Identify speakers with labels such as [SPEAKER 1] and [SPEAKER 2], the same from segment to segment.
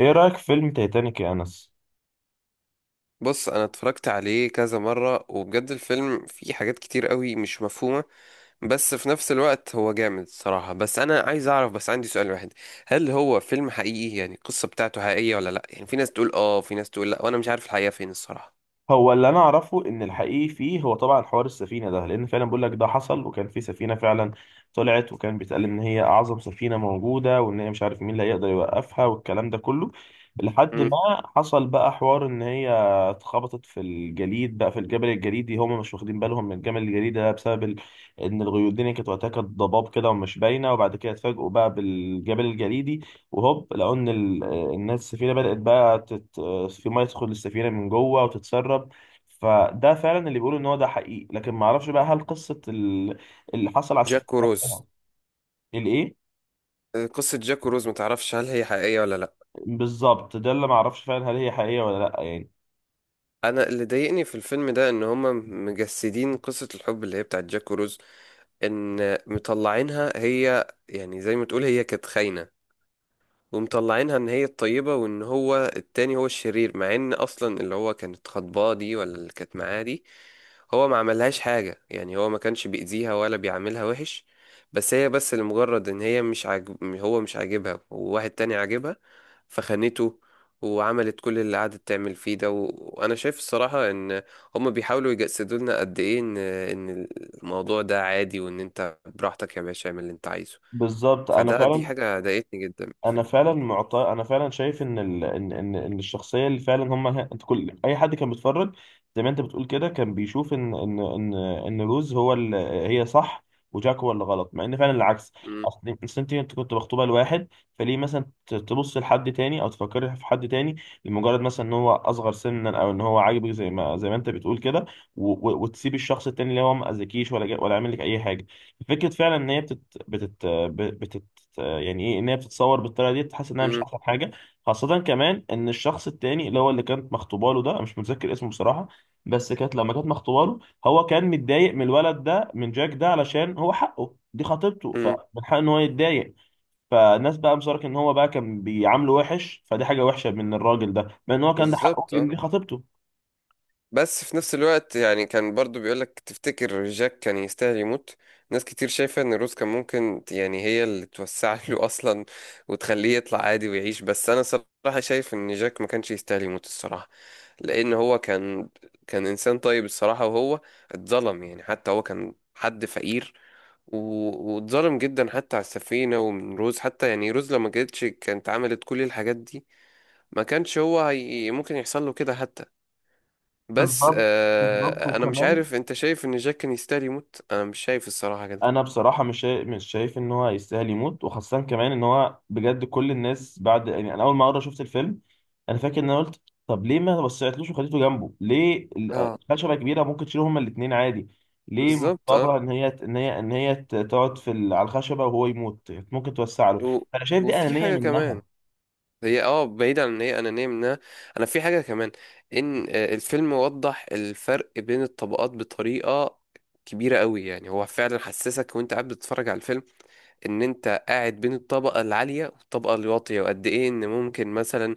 [SPEAKER 1] ايه رأيك في فيلم تايتانيك يا انس؟
[SPEAKER 2] بص، انا اتفرجت عليه كذا مرة وبجد الفيلم فيه حاجات كتير قوي مش مفهومة. بس في نفس الوقت هو جامد صراحة، بس انا عايز اعرف، بس عندي سؤال واحد: هل هو فيلم حقيقي؟ يعني القصة بتاعته حقيقية ولا لا؟ يعني في ناس تقول اه، في ناس تقول لا، وانا مش عارف الحقيقة فين الصراحة.
[SPEAKER 1] هو اللي انا اعرفه ان الحقيقي فيه هو طبعا حوار السفينة ده، لان فعلا بقول لك ده حصل وكان في سفينة فعلا طلعت، وكان بيتقال ان هي اعظم سفينة موجودة، وان هي مش عارف مين اللي هيقدر يوقفها والكلام ده كله. لحد
[SPEAKER 2] مم.
[SPEAKER 1] ما حصل بقى حوار ان هي اتخبطت في الجليد، بقى في الجبل الجليدي، هم مش واخدين بالهم من الجبل الجليدي ده ان الغيوم الدنيا كانت وقتها، كانت ضباب كده ومش باينة، وبعد كده اتفاجئوا بقى بالجبل الجليدي، وهوب لقوا ان الناس السفينه بدات بقى في ميه تدخل السفينه من جوه وتتسرب. فده فعلا اللي بيقولوا ان هو ده حقيقي، لكن ما اعرفش بقى هل قصه اللي حصل على السفينه
[SPEAKER 2] جاك وروز.
[SPEAKER 1] نفسها. الايه؟
[SPEAKER 2] آه، قصة جاك وروز متعرفش هل هي حقيقية ولا لا.
[SPEAKER 1] بالظبط، ده اللي ما اعرفش فعلا، هل هي حقيقيه ولا لا؟ يعني
[SPEAKER 2] انا اللي ضايقني في الفيلم ده ان هما مجسدين قصة الحب اللي هي بتاعت جاك وروز، ان مطلعينها هي يعني زي ما تقول هي كانت خاينة، ومطلعينها ان هي الطيبة وان هو التاني هو الشرير، مع ان اصلا اللي هو كانت خطباه دي، ولا اللي كانت معاه دي، هو ما عملهاش حاجة. يعني هو ما كانش بيأذيها ولا بيعاملها وحش، بس هي بس لمجرد ان هي مش عاجب، هو مش عاجبها وواحد تاني عاجبها فخانته، وعملت كل اللي قعدت تعمل فيه ده، وانا شايف الصراحة ان هم بيحاولوا يجسدوا لنا قد ايه ان الموضوع ده عادي، وان انت براحتك يا باشا اعمل اللي انت عايزه.
[SPEAKER 1] بالظبط.
[SPEAKER 2] فده دي حاجة ضايقتني جدا في الفيلم.
[SPEAKER 1] انا فعلا شايف ان الشخصيه اللي فعلا انت كل اي حد كان بيتفرج زي ما انت بتقول كده، كان بيشوف ان روز هي صح، وجاك هو اللي غلط، مع ان فعلا العكس. أصل انت كنت مخطوبه لواحد، فليه مثلا تبص لحد تاني او تفكري في حد تاني؟ لمجرد مثلا ان هو اصغر سنا، او ان هو عاجبك، زي ما انت بتقول كده. و... و... وتسيب الشخص التاني اللي هو ما اذكيش ولا عامل لك اي حاجه. فكره فعلا ان هي بتت... بتت... يعني ايه ان هي بتتصور بالطريقه دي؟ تحس انها مش
[SPEAKER 2] مم.
[SPEAKER 1] احسن حاجه. خاصه كمان ان الشخص التاني اللي هو اللي كانت مخطوبه له ده، أنا مش متذكر اسمه بصراحه، بس كانت لما كانت مخطوبه له، هو كان متضايق من الولد ده، من جاك ده، علشان هو حقه، دي خطيبته،
[SPEAKER 2] مم.
[SPEAKER 1] فمن حقه ان هو يتضايق. فالناس بقى مصارك ان هو بقى كان بيعامله وحش، فدي حاجه وحشه من الراجل ده، مع ان هو كان ده حقه،
[SPEAKER 2] بالظبط
[SPEAKER 1] لان
[SPEAKER 2] اه.
[SPEAKER 1] دي خطيبته.
[SPEAKER 2] بس في نفس الوقت يعني كان برضو بيقولك تفتكر جاك كان يستاهل يموت؟ ناس كتير شايفة ان روز كان ممكن يعني هي اللي توسع له اصلا وتخليه يطلع عادي ويعيش، بس انا صراحة شايف ان جاك ما كانش يستاهل يموت الصراحة. لان هو كان كان انسان طيب الصراحة، وهو اتظلم، يعني حتى هو كان حد فقير، واتظلم جدا حتى على السفينة ومن روز. حتى يعني روز لما جتش كانت عملت كل الحاجات دي، ما كانش هو هي ممكن يحصل له كده حتى. بس
[SPEAKER 1] بالظبط. بالظبط
[SPEAKER 2] آه، انا مش
[SPEAKER 1] وكمان،
[SPEAKER 2] عارف، انت شايف ان جاك كان يستاهل يموت؟ انا مش شايف الصراحة كده.
[SPEAKER 1] انا بصراحه مش شايف ان هو يستاهل يموت، وخاصه كمان ان هو بجد كل الناس بعد، يعني انا اول ما مره شفت الفيلم، انا فاكر ان انا قلت، طب ليه ما وسعتلوش وخليته جنبه؟ ليه
[SPEAKER 2] اه
[SPEAKER 1] الخشبه كبيره، ممكن تشيلهم هما الاثنين عادي. ليه
[SPEAKER 2] بالظبط اه،
[SPEAKER 1] مضطره ان هي تقعد على الخشبه وهو يموت؟ ممكن توسع له.
[SPEAKER 2] و...
[SPEAKER 1] انا شايف دي
[SPEAKER 2] وفي
[SPEAKER 1] انانيه
[SPEAKER 2] حاجة
[SPEAKER 1] منها.
[SPEAKER 2] كمان. هي اه بعيد عن ان هي انانية منها، انا في حاجة كمان: ان آه، الفيلم وضح الفرق بين الطبقات بطريقة كبيرة قوي. يعني هو فعلا حسسك وانت قاعد بتتفرج على الفيلم ان انت قاعد بين الطبقة العالية والطبقة الواطية، وقد ايه ان ممكن مثلا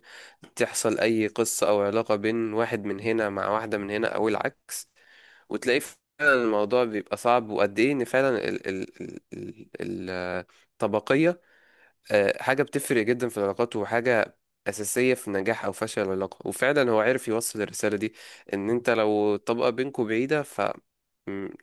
[SPEAKER 2] تحصل اي قصة او علاقة بين واحد من هنا مع واحدة من هنا او العكس، وتلاقي فعلا الموضوع بيبقى صعب، وقد ايه ان فعلا ال الطبقية آه، حاجة بتفرق جدا في العلاقات، وحاجة أساسية في نجاح أو فشل العلاقة. وفعلا هو عرف يوصل الرسالة دي: إن أنت لو الطبقة بينكوا بعيدة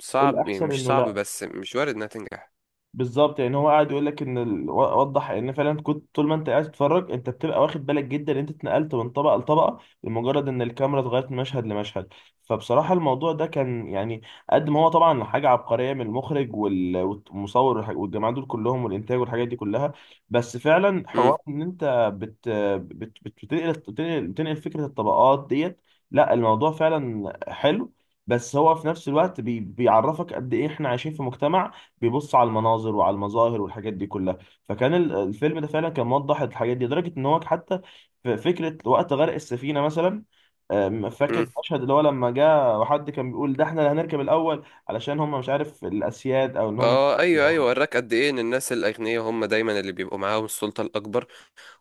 [SPEAKER 2] فصعب،
[SPEAKER 1] الاحسن
[SPEAKER 2] مش
[SPEAKER 1] انه
[SPEAKER 2] صعب
[SPEAKER 1] لا.
[SPEAKER 2] بس مش وارد إنها تنجح.
[SPEAKER 1] بالظبط، يعني هو قاعد يقول لك وضح ان فعلا، كنت طول ما انت قاعد تتفرج انت بتبقى واخد بالك جدا ان انت اتنقلت من طبقه لطبقه، لمجرد ان الكاميرا اتغيرت من مشهد لمشهد. فبصراحه الموضوع ده كان يعني قد ما هو طبعا حاجه عبقريه من المخرج والمصور والجماعه دول كلهم والانتاج والحاجات دي كلها، بس فعلا
[SPEAKER 2] مم.
[SPEAKER 1] حوار ان انت بتنقل فكره الطبقات ديت. لا الموضوع فعلا حلو، بس هو في نفس الوقت بيعرفك قد ايه احنا عايشين في مجتمع بيبص على المناظر وعلى المظاهر والحاجات دي كلها. فكان الفيلم ده فعلا كان موضح الحاجات دي، لدرجة ان هو حتى في فكرة وقت غرق السفينة مثلا، فاكر المشهد اللي هو لما جاء وحد كان بيقول ده احنا اللي هنركب الاول، علشان هم مش عارف الاسياد او ان هم
[SPEAKER 2] اه ايوه ايوه، وراك قد ايه ان الناس الاغنياء هم دايما اللي بيبقوا معاهم السلطه الاكبر،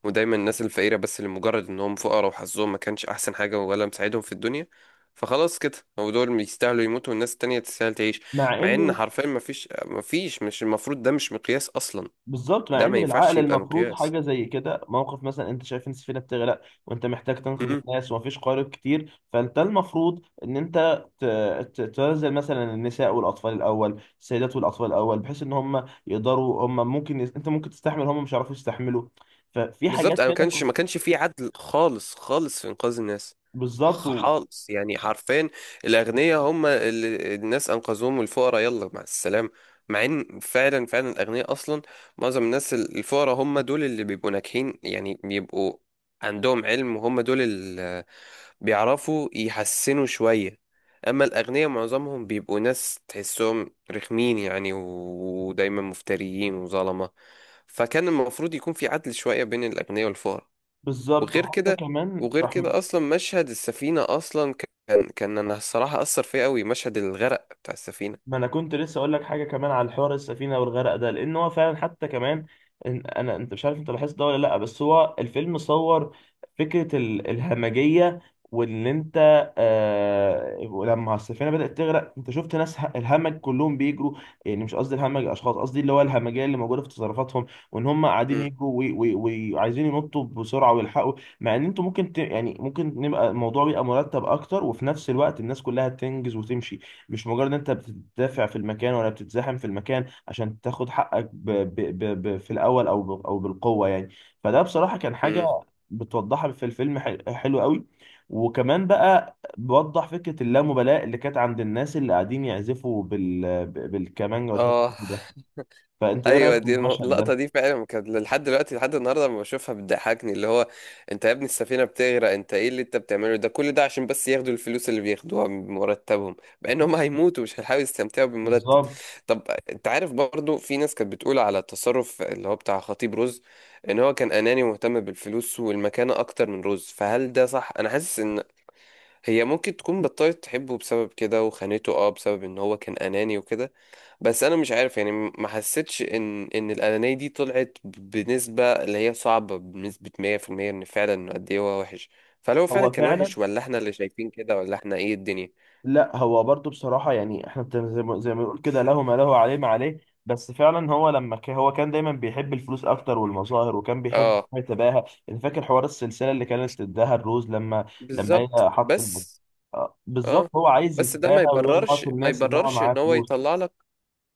[SPEAKER 2] ودايما الناس الفقيره، بس لمجرد انهم فقراء وحظهم ما كانش احسن حاجه ولا مساعدهم في الدنيا فخلاص كده هو دول يستاهلوا يموتوا والناس التانية تستاهل تعيش.
[SPEAKER 1] مع
[SPEAKER 2] مع ان
[SPEAKER 1] ان.
[SPEAKER 2] حرفيا ما فيش مش المفروض، ده مش مقياس اصلا،
[SPEAKER 1] بالظبط. مع
[SPEAKER 2] ده
[SPEAKER 1] ان
[SPEAKER 2] ما ينفعش
[SPEAKER 1] بالعقل
[SPEAKER 2] يبقى
[SPEAKER 1] المفروض
[SPEAKER 2] مقياس.
[SPEAKER 1] حاجه زي كده، موقف مثلا انت شايف ان السفينه بتغرق وانت محتاج تنقذ الناس ومفيش قارب كتير، فانت المفروض ان انت تنزل مثلا النساء والاطفال الاول، السيدات والاطفال الاول، بحيث ان هم يقدروا، هم ممكن انت ممكن تستحمل، هم مش هيعرفوا يستحملوا. ففي
[SPEAKER 2] بالظبط،
[SPEAKER 1] حاجات
[SPEAKER 2] انا ما
[SPEAKER 1] كده
[SPEAKER 2] كانش
[SPEAKER 1] كنت
[SPEAKER 2] ما كانش في عدل خالص خالص في انقاذ الناس،
[SPEAKER 1] بالظبط
[SPEAKER 2] خالص يعني حرفيا. الاغنياء هم اللي الناس انقذوهم، والفقراء يلا مع السلامه. مع ان فعلا فعلا الاغنياء اصلا، معظم الناس الفقراء هم دول اللي بيبقوا ناجحين، يعني بيبقوا عندهم علم، وهم دول اللي بيعرفوا يحسنوا شويه. اما الاغنياء معظمهم بيبقوا ناس تحسهم رخمين، يعني ودايما مفتريين وظلمه. فكان المفروض يكون في عدل شوية بين الأغنياء والفقراء.
[SPEAKER 1] بالظبط.
[SPEAKER 2] وغير
[SPEAKER 1] وحتى
[SPEAKER 2] كده،
[SPEAKER 1] كمان
[SPEAKER 2] وغير كده أصلا مشهد السفينة، أصلا كان كان أنا الصراحة أثر فيا أوي مشهد الغرق بتاع السفينة.
[SPEAKER 1] ما انا كنت لسه اقول لك حاجه كمان على الحوار السفينه والغرق ده، لان هو فعلا حتى كمان انا، انت مش عارف انت لاحظت ده ولا لا؟ بس هو الفيلم صور فكره الهمجيه وان انت، آه، لما السفينه بدات تغرق انت شفت ناس الهمج كلهم بيجروا. يعني مش قصدي الهمج اشخاص، قصدي اللي هو الهمجيه اللي موجوده في تصرفاتهم، وان هم قاعدين
[SPEAKER 2] م-
[SPEAKER 1] يجروا وي- وي- وعايزين ينطوا بسرعه ويلحقوا. مع ان انتوا ممكن يعني ممكن نبقى، الموضوع بيبقى مرتب اكتر، وفي نفس الوقت الناس كلها تنجز وتمشي. مش مجرد ان انت بتدافع في المكان ولا بتتزاحم في المكان عشان تاخد حقك في الاول، او بالقوه يعني. فده بصراحه كان حاجه
[SPEAKER 2] م.
[SPEAKER 1] بتوضحها في الفيلم حلو قوي. وكمان بقى بوضح فكره اللامبالاه اللي كانت عند الناس اللي قاعدين يعزفوا بالكمانجا والشاشه
[SPEAKER 2] آه
[SPEAKER 1] ده. فانت ايه رايك
[SPEAKER 2] ايوه،
[SPEAKER 1] في
[SPEAKER 2] دي
[SPEAKER 1] المشهد
[SPEAKER 2] اللقطه
[SPEAKER 1] ده؟
[SPEAKER 2] دي فعلا كانت لحد دلوقتي، لحد النهارده لما بشوفها بتضحكني، اللي هو، انت يا ابني السفينه بتغرق، انت ايه اللي انت بتعمله ده؟ كل ده عشان بس ياخدوا الفلوس اللي بياخدوها من مرتبهم، مع ان هم هيموتوا مش هيحاولوا يستمتعوا بالمرتب.
[SPEAKER 1] بالظبط.
[SPEAKER 2] طب انت عارف برضو في ناس كانت بتقول على التصرف اللي هو بتاع خطيب رز ان هو كان اناني ومهتم بالفلوس والمكانه اكتر من رز، فهل ده صح؟ انا حاسس ان هي ممكن تكون بطلت تحبه بسبب كده وخانته، اه بسبب ان هو كان اناني وكده. بس انا مش عارف، يعني ما حسيتش ان الانانيه دي طلعت بنسبه اللي هي صعبه، بنسبه 100% ان فعلا إنه قد ايه هو وحش. فهل هو فعلا
[SPEAKER 1] هو
[SPEAKER 2] كان
[SPEAKER 1] فعلا،
[SPEAKER 2] وحش ولا احنا اللي شايفين كده، ولا احنا ايه الدنيا؟
[SPEAKER 1] لا هو برضو بصراحة يعني احنا زي ما بنقول كده، له ما له عليه ما عليه. بس فعلا هو هو كان دايما بيحب الفلوس اكتر والمظاهر، وكان بيحب
[SPEAKER 2] اه
[SPEAKER 1] يتباهى. يعني فاكر حوار السلسلة اللي كانت تداها الروز لما، لما هي
[SPEAKER 2] بالظبط. بس
[SPEAKER 1] آه، بالظبط،
[SPEAKER 2] اه
[SPEAKER 1] هو عايز
[SPEAKER 2] بس ده
[SPEAKER 1] يتباهى
[SPEAKER 2] ما يبررش
[SPEAKER 1] ويقعد
[SPEAKER 2] ما
[SPEAKER 1] الناس ان هو
[SPEAKER 2] يبررش
[SPEAKER 1] معاه
[SPEAKER 2] ان هو
[SPEAKER 1] فلوس.
[SPEAKER 2] يطلع لك،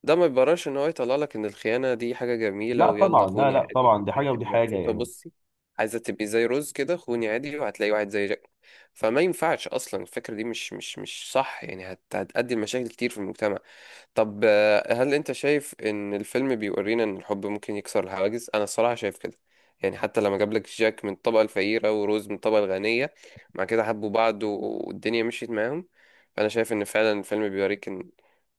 [SPEAKER 2] ده ما يبررش ان هو يطلع لك ان الخيانه دي حاجه جميله،
[SPEAKER 1] لا
[SPEAKER 2] ويلا
[SPEAKER 1] طبعا، لا
[SPEAKER 2] خوني
[SPEAKER 1] لا
[SPEAKER 2] عادي
[SPEAKER 1] طبعا، دي
[SPEAKER 2] وانت
[SPEAKER 1] حاجة ودي
[SPEAKER 2] هتبقي
[SPEAKER 1] حاجة
[SPEAKER 2] مبسوطه.
[SPEAKER 1] يعني.
[SPEAKER 2] بصي، عايزه تبقي زي روز كده، خوني عادي وهتلاقي واحد زي جاك؟ فما ينفعش اصلا، الفكره دي مش صح، يعني هتؤدي لمشاكل كتير في المجتمع. طب آه، هل انت شايف ان الفيلم بيورينا ان الحب ممكن يكسر الحواجز؟ انا الصراحه شايف كده، يعني حتى لما جاب لك جاك من الطبقه الفقيره وروز من الطبقه الغنيه، مع كده حبوا بعض والدنيا مشيت معاهم، فانا شايف ان فعلا الفيلم بيوريك ان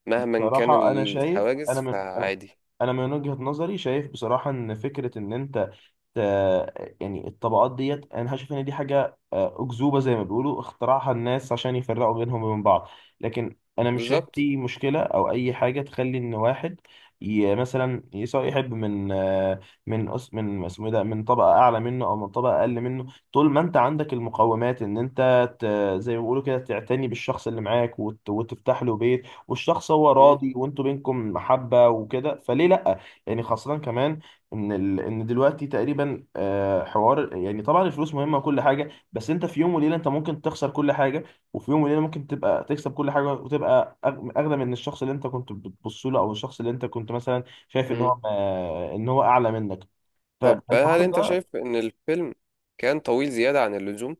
[SPEAKER 2] مهما كان
[SPEAKER 1] بصراحة انا شايف،
[SPEAKER 2] الحواجز فعادي.
[SPEAKER 1] انا من وجهة نظري شايف بصراحة ان فكرة ان انت، آه، يعني الطبقات ديت، انا شايف ان دي حاجه، آه، اكذوبه زي ما بيقولوا، اخترعها الناس عشان يفرقوا بينهم وبين بعض. لكن انا مش شايف
[SPEAKER 2] بالظبط.
[SPEAKER 1] اي مشكله او اي حاجه تخلي ان واحد، مثلا سواء يحب من، آه، من اسمه إيه ده، من طبقه اعلى منه او من طبقه اقل منه، طول ما انت عندك المقومات ان انت زي ما بيقولوا كده تعتني بالشخص اللي معاك وتفتح له بيت، والشخص هو
[SPEAKER 2] مم.
[SPEAKER 1] راضي وانتوا بينكم محبه وكده، فليه لا؟ يعني خاصه كمان ان دلوقتي تقريبا، آه، حوار يعني طبعا الفلوس مهمه وكل حاجه، بس انت في يوم وليله انت ممكن تخسر كل حاجه، وفي يوم وليله ممكن تبقى تكسب كل حاجه، وتبقى اغنى من الشخص اللي انت كنت بتبص له، او الشخص اللي انت كنت مثلا شايف ان
[SPEAKER 2] مم.
[SPEAKER 1] هو، آه، ان هو اعلى منك.
[SPEAKER 2] طب هل
[SPEAKER 1] فالحوار
[SPEAKER 2] انت
[SPEAKER 1] ده،
[SPEAKER 2] شايف ان الفيلم كان طويل زياده عن اللزوم؟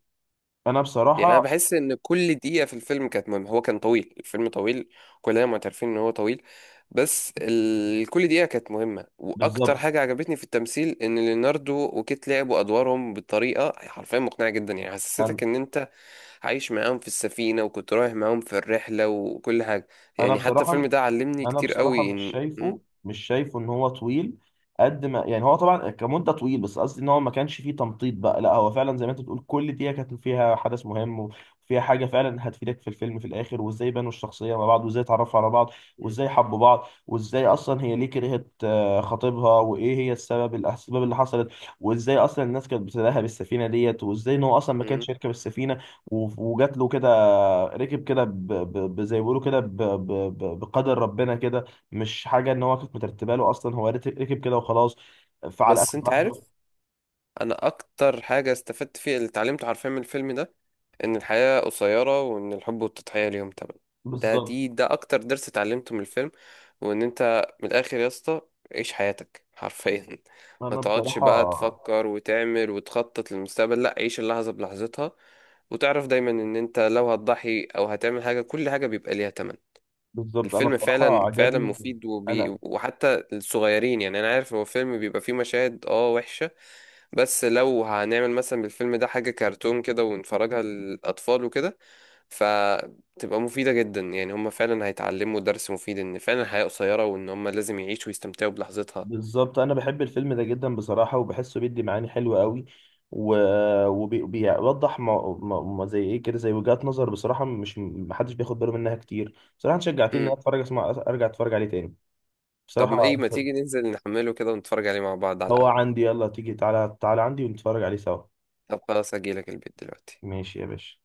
[SPEAKER 1] انا
[SPEAKER 2] يعني انا
[SPEAKER 1] بصراحه،
[SPEAKER 2] بحس ان كل دقيقه في الفيلم كانت مهمه. هو كان طويل، الفيلم طويل، كلنا معترفين ان هو طويل، بس ال... كل دقيقه كانت مهمه. واكتر
[SPEAKER 1] بالظبط.
[SPEAKER 2] حاجه عجبتني في التمثيل ان ليوناردو وكيت لعبوا ادوارهم بطريقه حرفيا مقنعه جدا، يعني
[SPEAKER 1] انا،
[SPEAKER 2] حسستك ان انت عايش معاهم في السفينه، وكنت رايح معاهم في الرحله وكل حاجه.
[SPEAKER 1] انا
[SPEAKER 2] يعني حتى
[SPEAKER 1] بصراحه،
[SPEAKER 2] الفيلم ده علمني كتير قوي إن... م-
[SPEAKER 1] مش شايفه ان هو طويل. قد ما يعني هو طبعا كمده طويل، بس قصدي ان هو ما كانش فيه تمطيط بقى، لا هو فعلا زي ما انت بتقول كل دقيقه كانت فيها حدث مهم وفيها حاجه فعلا هتفيدك في الفيلم في الاخر، وازاي بنوا الشخصيه مع بعض، وازاي اتعرفوا على بعض،
[SPEAKER 2] م-
[SPEAKER 1] وازاي حبوا بعض، وازاي اصلا هي ليه كرهت، آه، خطيبها، وايه هي الاسباب اللي حصلت، وازاي اصلا الناس كانت بتداها بالسفينه ديت، وازاي ان هو اصلا ما
[SPEAKER 2] م.
[SPEAKER 1] كانش يركب السفينه، وجات له كده، ركب كده، زي ما بيقولوا كده، بقدر ربنا كده، مش حاجه ان هو كانت مترتبه له اصلا، هو ركب كده وخلاص. فعلى
[SPEAKER 2] بس
[SPEAKER 1] اخر
[SPEAKER 2] انت عارف،
[SPEAKER 1] لحظه
[SPEAKER 2] انا اكتر حاجه استفدت فيها اللي اتعلمته حرفيا من الفيلم ده ان الحياة قصيرة وان الحب والتضحية ليهم تمن. ده
[SPEAKER 1] بالظبط.
[SPEAKER 2] دي ده اكتر درس اتعلمته من الفيلم. وان انت من الاخر يا اسطى، عيش حياتك حرفيا، ما
[SPEAKER 1] انا
[SPEAKER 2] تقعدش
[SPEAKER 1] بصراحه
[SPEAKER 2] بقى تفكر وتعمل وتخطط للمستقبل. لا، عيش اللحظة بلحظتها، وتعرف دايما ان انت لو هتضحي او هتعمل حاجة كل حاجة بيبقى ليها تمن.
[SPEAKER 1] بالظبط. انا
[SPEAKER 2] الفيلم
[SPEAKER 1] بصراحه
[SPEAKER 2] فعلا فعلا
[SPEAKER 1] عجبني
[SPEAKER 2] مفيد،
[SPEAKER 1] انا.
[SPEAKER 2] وحتى الصغيرين. يعني انا عارف هو فيلم بيبقى فيه مشاهد اه وحشة، بس لو هنعمل مثلا بالفيلم ده حاجة كرتون كده ونفرجها للاطفال وكده فتبقى مفيدة جدا، يعني هم فعلا هيتعلموا درس مفيد ان فعلا الحياة قصيرة وان هم لازم يعيشوا ويستمتعوا بلحظتها.
[SPEAKER 1] بالظبط، انا بحب الفيلم ده جدا بصراحه، وبحسه بيدي معاني حلوه قوي، وبيوضح ما ما ما زي ايه كده، زي وجهات نظر بصراحه مش محدش بياخد باله منها كتير. بصراحه أنت شجعتني ان
[SPEAKER 2] مم.
[SPEAKER 1] انا اتفرج، اسمع، ارجع اتفرج عليه تاني
[SPEAKER 2] طب
[SPEAKER 1] بصراحه.
[SPEAKER 2] ايه ما تيجي ننزل نحمله كده ونتفرج عليه مع بعض على
[SPEAKER 1] هو
[SPEAKER 2] القهوة؟
[SPEAKER 1] عندي، يلا تيجي، تعالى، تعالى عندي ونتفرج عليه سوا.
[SPEAKER 2] طب خلاص، اجيلك البيت دلوقتي.
[SPEAKER 1] ماشي يا باشا.